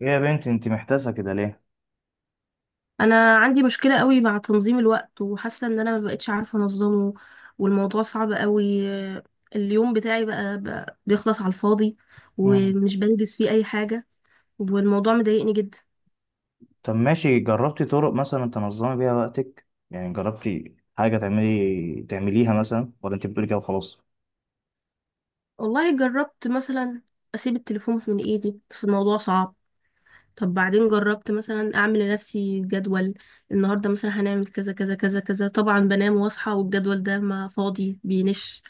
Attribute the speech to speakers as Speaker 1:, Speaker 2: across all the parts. Speaker 1: يا بنت انت محتاسة كده ليه؟
Speaker 2: انا عندي مشكله قوي مع تنظيم الوقت وحاسه ان انا ما بقتش عارفه انظمه، والموضوع صعب قوي. اليوم بتاعي بقى بيخلص على الفاضي
Speaker 1: مم.
Speaker 2: ومش بنجز فيه اي حاجه، والموضوع مضايقني جدا.
Speaker 1: طب ماشي، جربتي طرق مثلا تنظمي بيها وقتك؟ يعني جربتي حاجة تعملي تعمليها مثلا ولا انت بتقولي كده وخلاص؟
Speaker 2: والله جربت مثلا اسيب التليفون من ايدي بس الموضوع صعب. طب بعدين جربت مثلا اعمل لنفسي جدول. النهارده مثلا هنعمل كذا كذا كذا كذا، طبعا بنام واصحى والجدول ده ما فاضي بينش.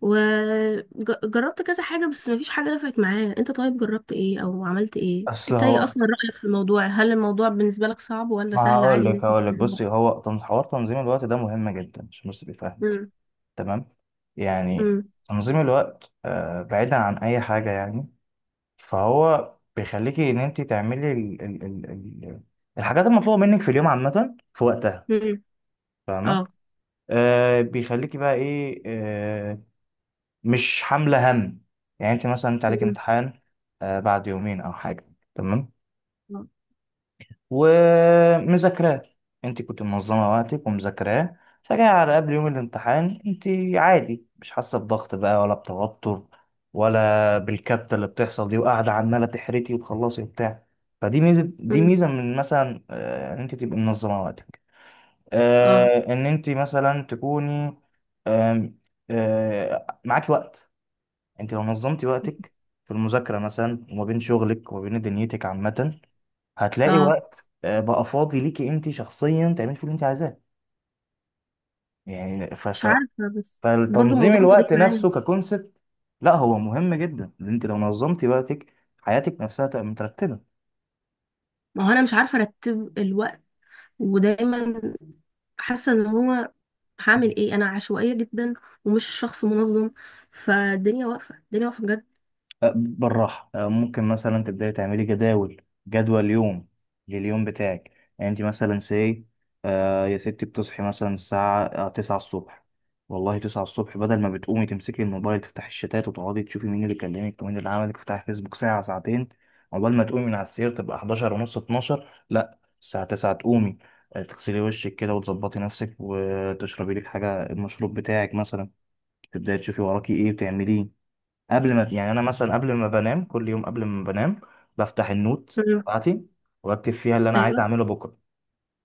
Speaker 2: وجربت كذا حاجة بس مفيش حاجة نفعت معايا. انت طيب جربت ايه او عملت ايه؟
Speaker 1: اصل
Speaker 2: انت ايه
Speaker 1: هو
Speaker 2: اصلا رأيك في الموضوع؟ هل الموضوع بالنسبة لك صعب ولا
Speaker 1: ما
Speaker 2: سهل
Speaker 1: هقول
Speaker 2: عادي ان
Speaker 1: لك
Speaker 2: انت
Speaker 1: هقول لك
Speaker 2: تنزل بقى؟
Speaker 1: بصي، هو حوار تنظيم الوقت ده مهم جدا، مش بس بيفهم.
Speaker 2: مم.
Speaker 1: تمام؟ يعني
Speaker 2: مم.
Speaker 1: تنظيم الوقت بعيدا عن أي حاجة يعني، فهو بيخليكي إن انت تعملي ال الحاجات المطلوبة منك في اليوم عامة في وقتها.
Speaker 2: مم.
Speaker 1: فاهمة؟
Speaker 2: اه.
Speaker 1: آه، بيخليكي بقى ايه، مش حاملة هم. يعني انت مثلا، انت عليك
Speaker 2: مم.
Speaker 1: امتحان بعد يومين او حاجة، تمام،
Speaker 2: اه.
Speaker 1: ومذاكراه. انت كنت منظمة وقتك ومذاكراه، فجأة على قبل يوم الامتحان انت عادي، مش حاسة بضغط بقى، ولا بتوتر، ولا بالكبتة اللي بتحصل دي، وقاعدة عمالة تحرتي وتخلصي وبتاع. فدي ميزة، دي
Speaker 2: مم.
Speaker 1: ميزة من مثلا ان انت تبقي منظمة وقتك،
Speaker 2: اه.
Speaker 1: ان انت مثلا تكوني، آم، معاكي وقت. انت لو نظمتي وقتك في المذاكرة مثلا، وما بين شغلك وما بين دنيتك عامة، هتلاقي
Speaker 2: اه.
Speaker 1: وقت بقى فاضي ليكي انت شخصيا تعملي فيه اللي انت عايزاه. يعني
Speaker 2: مش عارفة بس برضو
Speaker 1: فالتنظيم
Speaker 2: الموضوع مش جاي
Speaker 1: الوقت
Speaker 2: معايا.
Speaker 1: نفسه ككونسبت، لا هو مهم جدا. ان انت لو نظمتي وقتك، حياتك نفسها تبقى مترتبة.
Speaker 2: ما هو انا مش عارفة ارتب الوقت، ودايما حاسة ان هو هعمل ايه. انا عشوائية جدا ومش شخص منظم، فالدنيا واقفة، الدنيا واقفة بجد.
Speaker 1: بالراحة، ممكن مثلا تبدأي تعملي جداول، جدول يوم لليوم بتاعك. يعني انت مثلا سي يا ستي، بتصحي مثلا الساعة تسعة الصبح. والله، تسعة الصبح، بدل ما بتقومي تمسكي الموبايل تفتحي الشتات وتقعدي تشوفي مين اللي كلمك ومين اللي عملك، تفتحي فيسبوك ساعة ساعتين، عقبال ما تقومي من على السرير تبقى 11 ونص، 12، لا، الساعة 9 تقومي، تغسلي وشك كده وتظبطي نفسك وتشربي لك حاجة المشروب بتاعك مثلا، تبدأي تشوفي وراكي ايه وتعمليه. قبل ما يعني انا مثلا، قبل ما بنام كل يوم، قبل ما بنام بفتح النوت
Speaker 2: مم.
Speaker 1: بتاعتي واكتب فيها اللي انا عايز
Speaker 2: ايوه.
Speaker 1: اعمله بكره.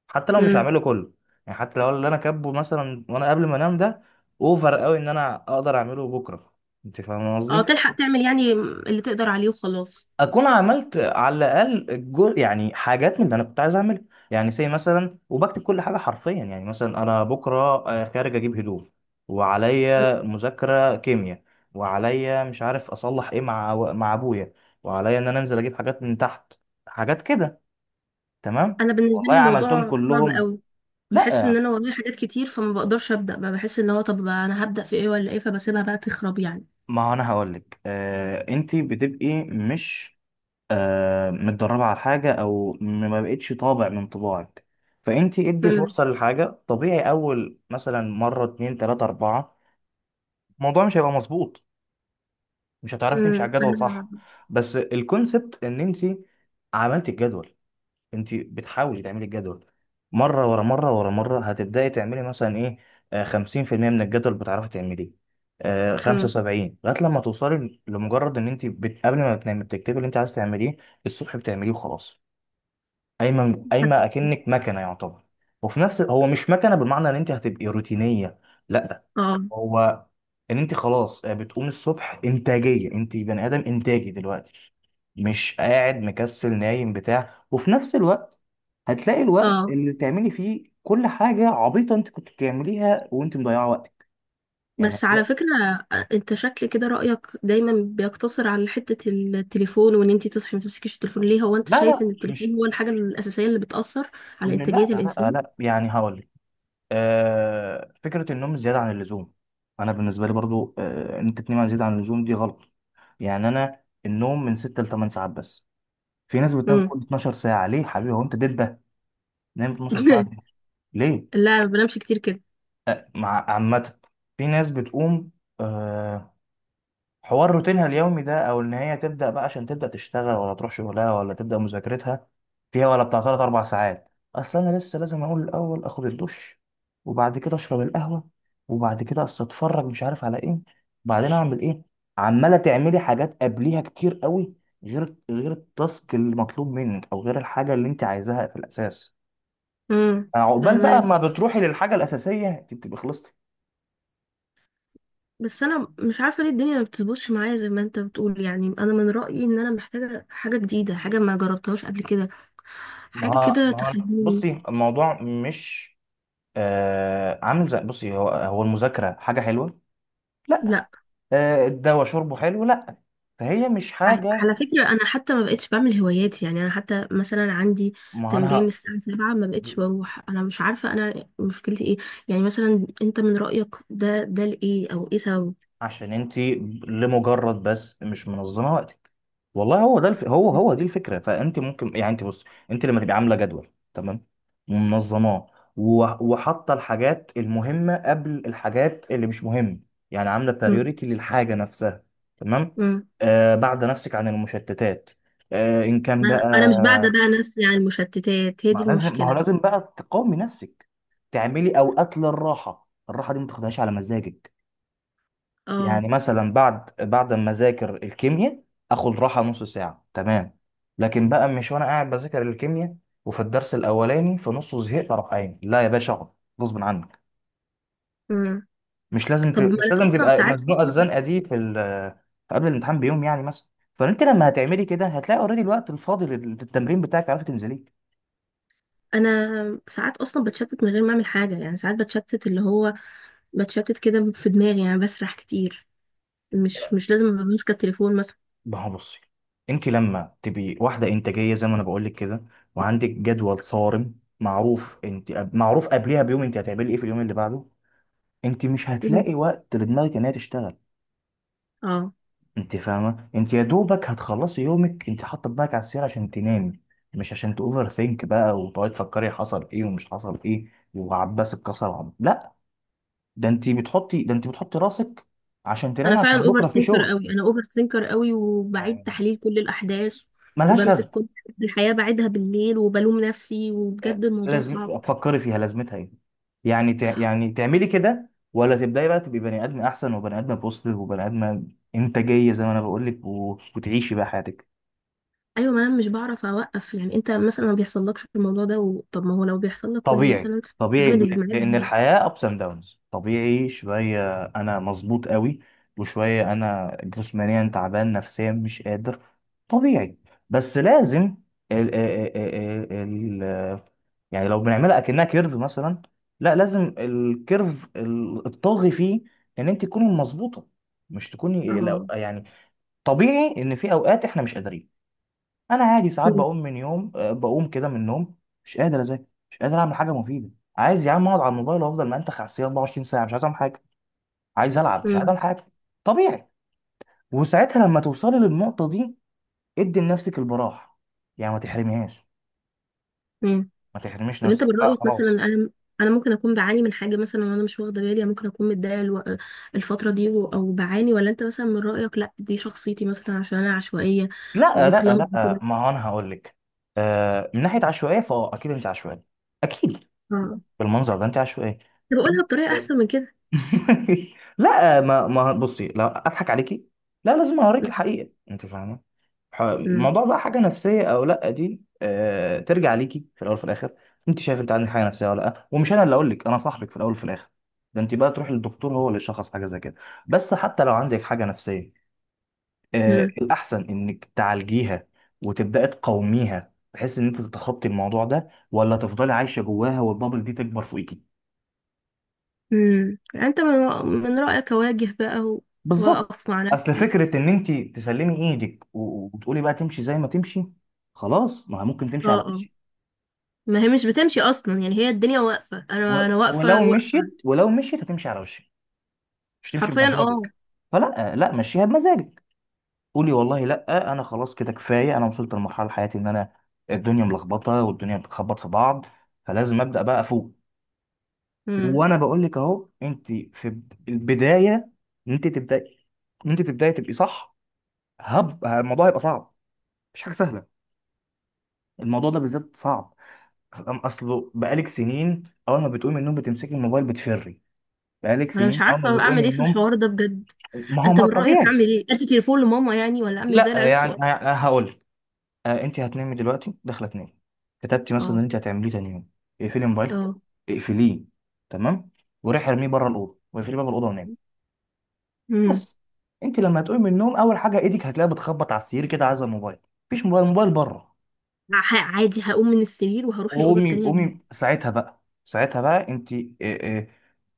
Speaker 1: حتى لو مش
Speaker 2: مم.
Speaker 1: هعمله كله، يعني حتى لو اللي انا كاتبه مثلا وانا قبل ما انام ده اوفر قوي ان انا اقدر اعمله بكره. انت فاهم
Speaker 2: اه،
Speaker 1: قصدي؟
Speaker 2: تلحق تعمل يعني اللي تقدر عليه وخلاص.
Speaker 1: اكون عملت على الاقل الجزء، يعني حاجات من اللي انا كنت عايز اعملها. يعني زي مثلا، وبكتب كل حاجه حرفيا، يعني مثلا انا بكره خارج اجيب هدوم، وعليا
Speaker 2: مم.
Speaker 1: مذاكره كيمياء، وعليا مش عارف اصلح ايه مع ابويا، وعليا ان انا انزل اجيب حاجات من تحت، حاجات كده، تمام،
Speaker 2: انا بالنسبه
Speaker 1: والله
Speaker 2: لي
Speaker 1: عملتهم
Speaker 2: الموضوع صعب
Speaker 1: كلهم؟
Speaker 2: قوي، بحس
Speaker 1: لا،
Speaker 2: ان انا ورايا حاجات كتير فما بقدرش ابدا بقى. بحس ان هو طب انا هبدا في ايه ولا ايه، فبسيبها بقى تخرب يعني.
Speaker 1: ما هو انا هقول لك، آه، انت بتبقي مش متدربة على حاجة، ما بقتش طابع من طباعك. فأنت ادي
Speaker 2: امم.
Speaker 1: فرصة للحاجة، طبيعي أول مثلا مرة، اتنين، تلاتة، أربعة، الموضوع مش هيبقى مظبوط، مش هتعرفي تمشي على الجدول صح.
Speaker 2: امم.
Speaker 1: بس الكونسبت إن أنت عملت الجدول، أنت بتحاولي تعملي الجدول مرة ورا مرة ورا مرة، هتبدأي تعملي مثلا إيه، خمسين في المية من الجدول بتعرفي تعمليه، خمسة
Speaker 2: امم.
Speaker 1: وسبعين، لغاية لما توصلي لمجرد إن أنت قبل ما بتنامي بتكتبي اللي أنت عايز تعمليه، الصبح بتعمليه وخلاص. قايمه قايمه اكنك مكنه يعتبر، وفي نفس، هو مش مكنه بالمعنى ان انت هتبقي روتينيه، لا.
Speaker 2: اه.
Speaker 1: هو ان انت خلاص بتقوم الصبح انتاجيه، انت بني ادم انتاجي دلوقتي، مش قاعد مكسل نايم بتاع. وفي نفس الوقت هتلاقي الوقت
Speaker 2: اه.
Speaker 1: اللي تعملي فيه كل حاجه عبيطه انت كنت بتعمليها وانت مضيعه وقتك. يعني
Speaker 2: بس على
Speaker 1: هتلاقي،
Speaker 2: فكره، انت شكل كده رايك دايما بيقتصر على حته التليفون وان انت تصحي ما تمسكيش التليفون. ليه هو انت
Speaker 1: لا لا،
Speaker 2: شايف ان التليفون
Speaker 1: مش
Speaker 2: هو الحاجه الاساسيه اللي بتاثر على
Speaker 1: لا
Speaker 2: انتاجيه
Speaker 1: لا
Speaker 2: الانسان؟
Speaker 1: لا، يعني هقول فكرة النوم زيادة عن اللزوم. أنا بالنسبة لي برضو إن أنت زيادة عن اللزوم دي غلط. يعني أنا النوم من 6 ل 8 ساعات بس. في ناس بتنام
Speaker 2: امم.
Speaker 1: فوق ال 12 ساعة، ليه يا حبيبي؟ هو أنت دبة نام 12 ساعة؟ ليه؟
Speaker 2: لا، ما بنامش كتير كده.
Speaker 1: مع عامة، في ناس بتقوم آه، حوار روتينها اليومي ده، او ان هي تبدا بقى عشان تبدا تشتغل، ولا تروح شغلها، ولا تبدا مذاكرتها فيها ولا بتاع، ثلاث اربع ساعات. اصل انا لسه لازم اقول الاول اخد الدش، وبعد كده اشرب القهوه، وبعد كده اصل اتفرج مش عارف على ايه، بعدين اعمل ايه، عماله تعملي حاجات قبليها كتير قوي، غير التاسك المطلوب منك او غير الحاجه اللي انت عايزاها في الاساس. عقبال بقى
Speaker 2: امم.
Speaker 1: ما بتروحي للحاجه الاساسيه انت بتبقي خلصتي.
Speaker 2: بس انا مش عارفه ليه الدنيا ما بتظبطش معايا زي ما انت بتقول. يعني انا من رايي ان انا محتاجه حاجه جديده، حاجه ما جربتهاش قبل كده، حاجه كده
Speaker 1: ما هو
Speaker 2: تخليني.
Speaker 1: بصي الموضوع مش عامل زي، بصي، هو هو المذاكرة حاجة حلوة؟ لا.
Speaker 2: لا.
Speaker 1: آه، الدواء شربه حلو؟ لا. فهي مش حاجة.
Speaker 2: على فكره انا حتى ما بقتش بعمل هواياتي. يعني انا حتى مثلا عندي
Speaker 1: ما أنا
Speaker 2: تمرين
Speaker 1: ه-
Speaker 2: الساعه 7 ما بقتش بروح. انا مش عارفه انا مشكلتي ايه. يعني مثلا انت من رايك ده لايه او ايه سببه؟
Speaker 1: عشان انت لمجرد بس مش منظمة وقتك. والله هو ده هو هو دي الفكرة. فانت ممكن، يعني انت بص، انت لما تبقي عاملة جدول تمام، ومنظماه، و- وحاطة الحاجات المهمة قبل الحاجات اللي مش مهمة، يعني عاملة
Speaker 2: مم.
Speaker 1: بريوريتي للحاجة نفسها، تمام،
Speaker 2: مم.
Speaker 1: آه، بعد نفسك عن المشتتات، آه، ان كان
Speaker 2: انا مش بعدة
Speaker 1: بقى،
Speaker 2: بقى نفسي عن المشتتات، هي دي
Speaker 1: ما لازم، ما هو
Speaker 2: المشكله.
Speaker 1: لازم بقى تقاومي نفسك، تعملي اوقات للراحه، الراحه دي ما تاخدهاش على مزاجك.
Speaker 2: اه.
Speaker 1: يعني مثلا بعد ما اذاكر الكيمياء اخد راحه نص ساعه، تمام، لكن بقى مش وانا قاعد بذاكر الكيمياء وفي الدرس الاولاني في نصه زهقت اروح قايم، لا يا باشا اقعد غصب عنك.
Speaker 2: مم. طب ما
Speaker 1: مش
Speaker 2: انا
Speaker 1: لازم
Speaker 2: اصلا
Speaker 1: تبقى
Speaker 2: ساعات
Speaker 1: مزنوقه
Speaker 2: اصلا
Speaker 1: الزنقه دي في في قبل الامتحان بيوم يعني مثلا. فانت لما هتعملي كده هتلاقي اوريدي الوقت الفاضي للتمرين بتاعك عرفت تنزليه.
Speaker 2: انا ساعات اصلا بتشتت من غير ما اعمل حاجه. يعني ساعات بتشتت اللي هو بتشتت كده في دماغي، يعني بسرح كتير. مش لازم ابقى ماسكه التليفون مثلا.
Speaker 1: ما هو بصي انت لما تبقي واحده انتاجيه زي ما انا بقول لك كده، وعندك جدول صارم معروف، انت معروف قبلها بيوم انت هتعملي ايه في اليوم اللي بعده، انت مش
Speaker 2: مم.
Speaker 1: هتلاقي وقت لدماغك ان هي تشتغل.
Speaker 2: اه.
Speaker 1: انت فاهمه، انت يا دوبك هتخلصي يومك انت حاطه دماغك على السرير عشان تنامي، مش عشان تاوفر ثينك بقى وتقعدي تفكري حصل ايه ومش حصل ايه وعباس اتكسر لا. ده انت بتحطي راسك عشان
Speaker 2: انا
Speaker 1: تنامي عشان
Speaker 2: فعلا اوفر
Speaker 1: بكره في
Speaker 2: سينكر
Speaker 1: شغل.
Speaker 2: قوي، انا اوفر سينكر قوي وبعيد
Speaker 1: يعني
Speaker 2: تحليل كل الاحداث،
Speaker 1: ملهاش
Speaker 2: وبمسك
Speaker 1: لازمه،
Speaker 2: كل الحياه بعيدها بالليل وبلوم نفسي، وبجد الموضوع
Speaker 1: لازم
Speaker 2: صعب.
Speaker 1: فكري فيها لازمتها ايه. يعني تعملي كده، ولا تبداي بقى تبقي بني ادم احسن، وبني ادم بوزيتيف، وبني ادم انتاجيه، زي ما انا بقول لك، وتعيشي بقى حياتك.
Speaker 2: ايوه، ما انا مش بعرف اوقف. يعني انت مثلا ما بيحصلكش الموضوع ده طب ما هو لو بيحصل لك قول لي
Speaker 1: طبيعي،
Speaker 2: مثلا
Speaker 1: طبيعي
Speaker 2: اعمل ازاي
Speaker 1: لان
Speaker 2: معاك؟
Speaker 1: الحياه ابس اند داونز، طبيعي شويه انا مظبوط قوي، وشويه انا جسمانيا تعبان نفسيا مش قادر، طبيعي. بس لازم ال ال ال ال ال- يعني لو بنعملها اكنها كيرف مثلا، لا لازم الكيرف الطاغي فيه ان انت تكوني مظبوطه، مش تكوني
Speaker 2: اه.
Speaker 1: يعني طبيعي ان في اوقات احنا مش قادرين. انا عادي ساعات
Speaker 2: مم.
Speaker 1: بقوم من يوم بقوم كده من النوم مش قادر اذاكر، مش قادر اعمل حاجه مفيده، عايز يا عم اقعد على الموبايل وافضل منتخ على السرير 24 ساعه، مش عايز اعمل حاجه، عايز العب، مش عايز
Speaker 2: مم.
Speaker 1: اعمل حاجه. طبيعي. وساعتها لما توصلي للنقطه دي ادي لنفسك البراح، يعني ما تحرميهاش،
Speaker 2: مم.
Speaker 1: ما تحرميش
Speaker 2: طب انت
Speaker 1: نفسك،
Speaker 2: من
Speaker 1: لا
Speaker 2: رأيك مثلا
Speaker 1: خلاص.
Speaker 2: انا ممكن اكون بعاني من حاجه مثلا وانا مش واخده بالي؟ يعني ممكن اكون متضايقه الفتره دي او بعاني، ولا انت مثلا من رأيك لا دي شخصيتي مثلا عشان انا عشوائيه
Speaker 1: لا لا
Speaker 2: وكلام
Speaker 1: لا،
Speaker 2: كده؟
Speaker 1: ما هو انا هقول لك، آه، من ناحيه عشوائيه، فاه اكيد انت عشوائيه، اكيد،
Speaker 2: اه.
Speaker 1: بالمنظر ده انت عشوائيه.
Speaker 2: طب اقولها بطريقه احسن من كده.
Speaker 1: لا، ما بصي، لا اضحك عليكي، لا لازم اوريك الحقيقه، انت فاهمه.
Speaker 2: امم.
Speaker 1: الموضوع بقى حاجه نفسيه او لا، دي آه ترجع ليكي في الاول وفي الاخر، انت شايف انت عندك حاجه نفسيه ولا لا، ومش انا اللي اقول لك، انا صاحبك في الاول وفي الاخر، ده انت بقى تروحي للدكتور هو اللي يشخص حاجه زي كده. بس حتى لو عندك حاجه نفسيه، آه
Speaker 2: امم.
Speaker 1: الاحسن انك تعالجيها وتبداي تقاوميها، بحيث ان انت تتخطي الموضوع ده، ولا تفضلي عايشه جواها والبابل دي تكبر فوقيكي.
Speaker 2: امم. انت من رأيك اواجه بقى
Speaker 1: بالظبط.
Speaker 2: واقف مع
Speaker 1: اصل
Speaker 2: نفسي؟
Speaker 1: فكره ان انت تسلمي ايدك وتقولي بقى تمشي زي ما تمشي، خلاص، ما هي ممكن
Speaker 2: اه.
Speaker 1: تمشي على
Speaker 2: اه.
Speaker 1: وشك.
Speaker 2: ما هي مش بتمشي اصلا. يعني هي الدنيا واقفه، انا انا واقفه
Speaker 1: ولو
Speaker 2: واقفه
Speaker 1: مشيت، ولو مشيت هتمشي على وشك، مش هتمشي
Speaker 2: حرفيا. اه.
Speaker 1: بمزاجك. فلا، لا مشيها بمزاجك، قولي والله لا، انا خلاص كده كفايه، انا وصلت لمرحله حياتي ان انا، الدنيا ملخبطه والدنيا بتخبط في بعض، فلازم ابدا بقى افوق.
Speaker 2: مم.
Speaker 1: وانا بقول لك اهو انت في البدايه، ان انت تبداي، ان انت تبداي تبقي صح، هب الموضوع هيبقى صعب، مش حاجه سهله، الموضوع ده بالذات صعب. اصله بقالك سنين اول ما بتقومي من النوم بتمسكي الموبايل بتفري، بقالك
Speaker 2: انا مش
Speaker 1: سنين اول ما
Speaker 2: عارفه
Speaker 1: بتقومي
Speaker 2: اعمل
Speaker 1: من
Speaker 2: ايه في
Speaker 1: النوم.
Speaker 2: الحوار ده بجد.
Speaker 1: ما هو،
Speaker 2: انت
Speaker 1: ما
Speaker 2: من رايك
Speaker 1: طبيعي.
Speaker 2: اعمل ايه؟ ادي تليفون لماما يعني، ولا اعمل زي
Speaker 1: لا،
Speaker 2: العيال
Speaker 1: يعني
Speaker 2: الصغيره؟
Speaker 1: هقول انت هتنامي دلوقتي داخله تنامي، كتبتي مثلا ان
Speaker 2: اه.
Speaker 1: انت هتعمليه تاني يوم، اقفلي موبايلك،
Speaker 2: اه.
Speaker 1: اقفليه، تمام، وروحي ارميه بره الاوضه واقفلي باب الاوضه ونامي.
Speaker 2: امم.
Speaker 1: بس انت لما هتقومي من النوم اول حاجه ايدك هتلاقيها بتخبط على السرير كده عايزه الموبايل، مفيش موبايل، الموبايل بره.
Speaker 2: عادي هقوم من السرير وهروح الاوضه
Speaker 1: قومي
Speaker 2: التانية اجيب.
Speaker 1: قومي ساعتها بقى، ساعتها بقى انت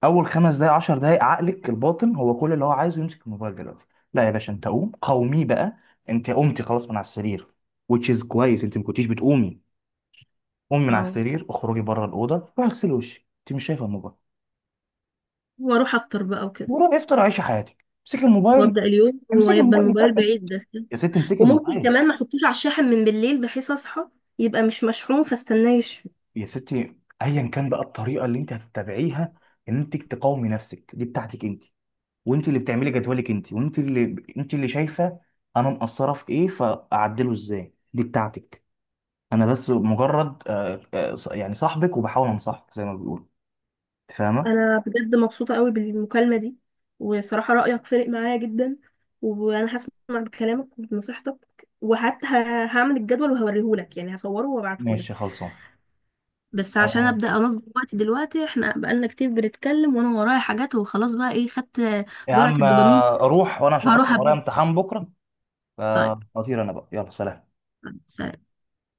Speaker 1: اول خمس دقايق عشر دقايق عقلك الباطن هو كل اللي هو عايزه يمسك الموبايل دلوقتي، لا يا باشا انت قوم، قومي بقى. انت قمتي خلاص من على السرير which is كويس، انت ما كنتيش بتقومي. قومي من على
Speaker 2: اه،
Speaker 1: السرير، اخرجي بره الاوضه، روحي اغسلي وشك، انت مش شايفه الموبايل.
Speaker 2: واروح افطر بقى وكده
Speaker 1: وروحي افطر عيشي حياتك، امسكي الموبايل.
Speaker 2: وابدا اليوم،
Speaker 1: امسكي
Speaker 2: ويبقى
Speaker 1: الموبايل بقى
Speaker 2: الموبايل
Speaker 1: امسك.
Speaker 2: بعيد ده.
Speaker 1: يا ستي امسكي
Speaker 2: وممكن
Speaker 1: الموبايل.
Speaker 2: كمان ما احطوش على الشاحن من بالليل، بحيث اصحى يبقى مش مشحون فاستناه يشحن.
Speaker 1: يا ستي، ايا كان بقى الطريقه اللي انت هتتبعيها ان انت تقاومي نفسك دي بتاعتك انت، وانت اللي بتعملي جدولك انت، وانت اللي انت اللي شايفه انا مقصره في ايه فاعدله ازاي دي بتاعتك. انا بس مجرد يعني صاحبك وبحاول انصحك زي ما بيقولوا، انت فاهمه؟
Speaker 2: انا بجد مبسوطه قوي بالمكالمه دي، وصراحه رايك فارق معايا جدا، وانا هسمع بكلامك وبنصيحتك، وحتى هعمل الجدول وهوريهولك، يعني هصوره
Speaker 1: ماشي
Speaker 2: وابعتهولك.
Speaker 1: خلصان.
Speaker 2: بس عشان
Speaker 1: انا
Speaker 2: ابدا انظم وقتي دلوقتي، احنا بقالنا كتير بنتكلم وانا ورايا حاجات وخلاص، بقى ايه خدت
Speaker 1: يا
Speaker 2: جرعه
Speaker 1: عم
Speaker 2: الدوبامين
Speaker 1: اروح وانا عشان
Speaker 2: وهروح
Speaker 1: اصلا ورايا
Speaker 2: ابدا.
Speaker 1: امتحان بكره،
Speaker 2: طيب،
Speaker 1: فاطير انا بقى، يلا، سلام.
Speaker 2: سلام.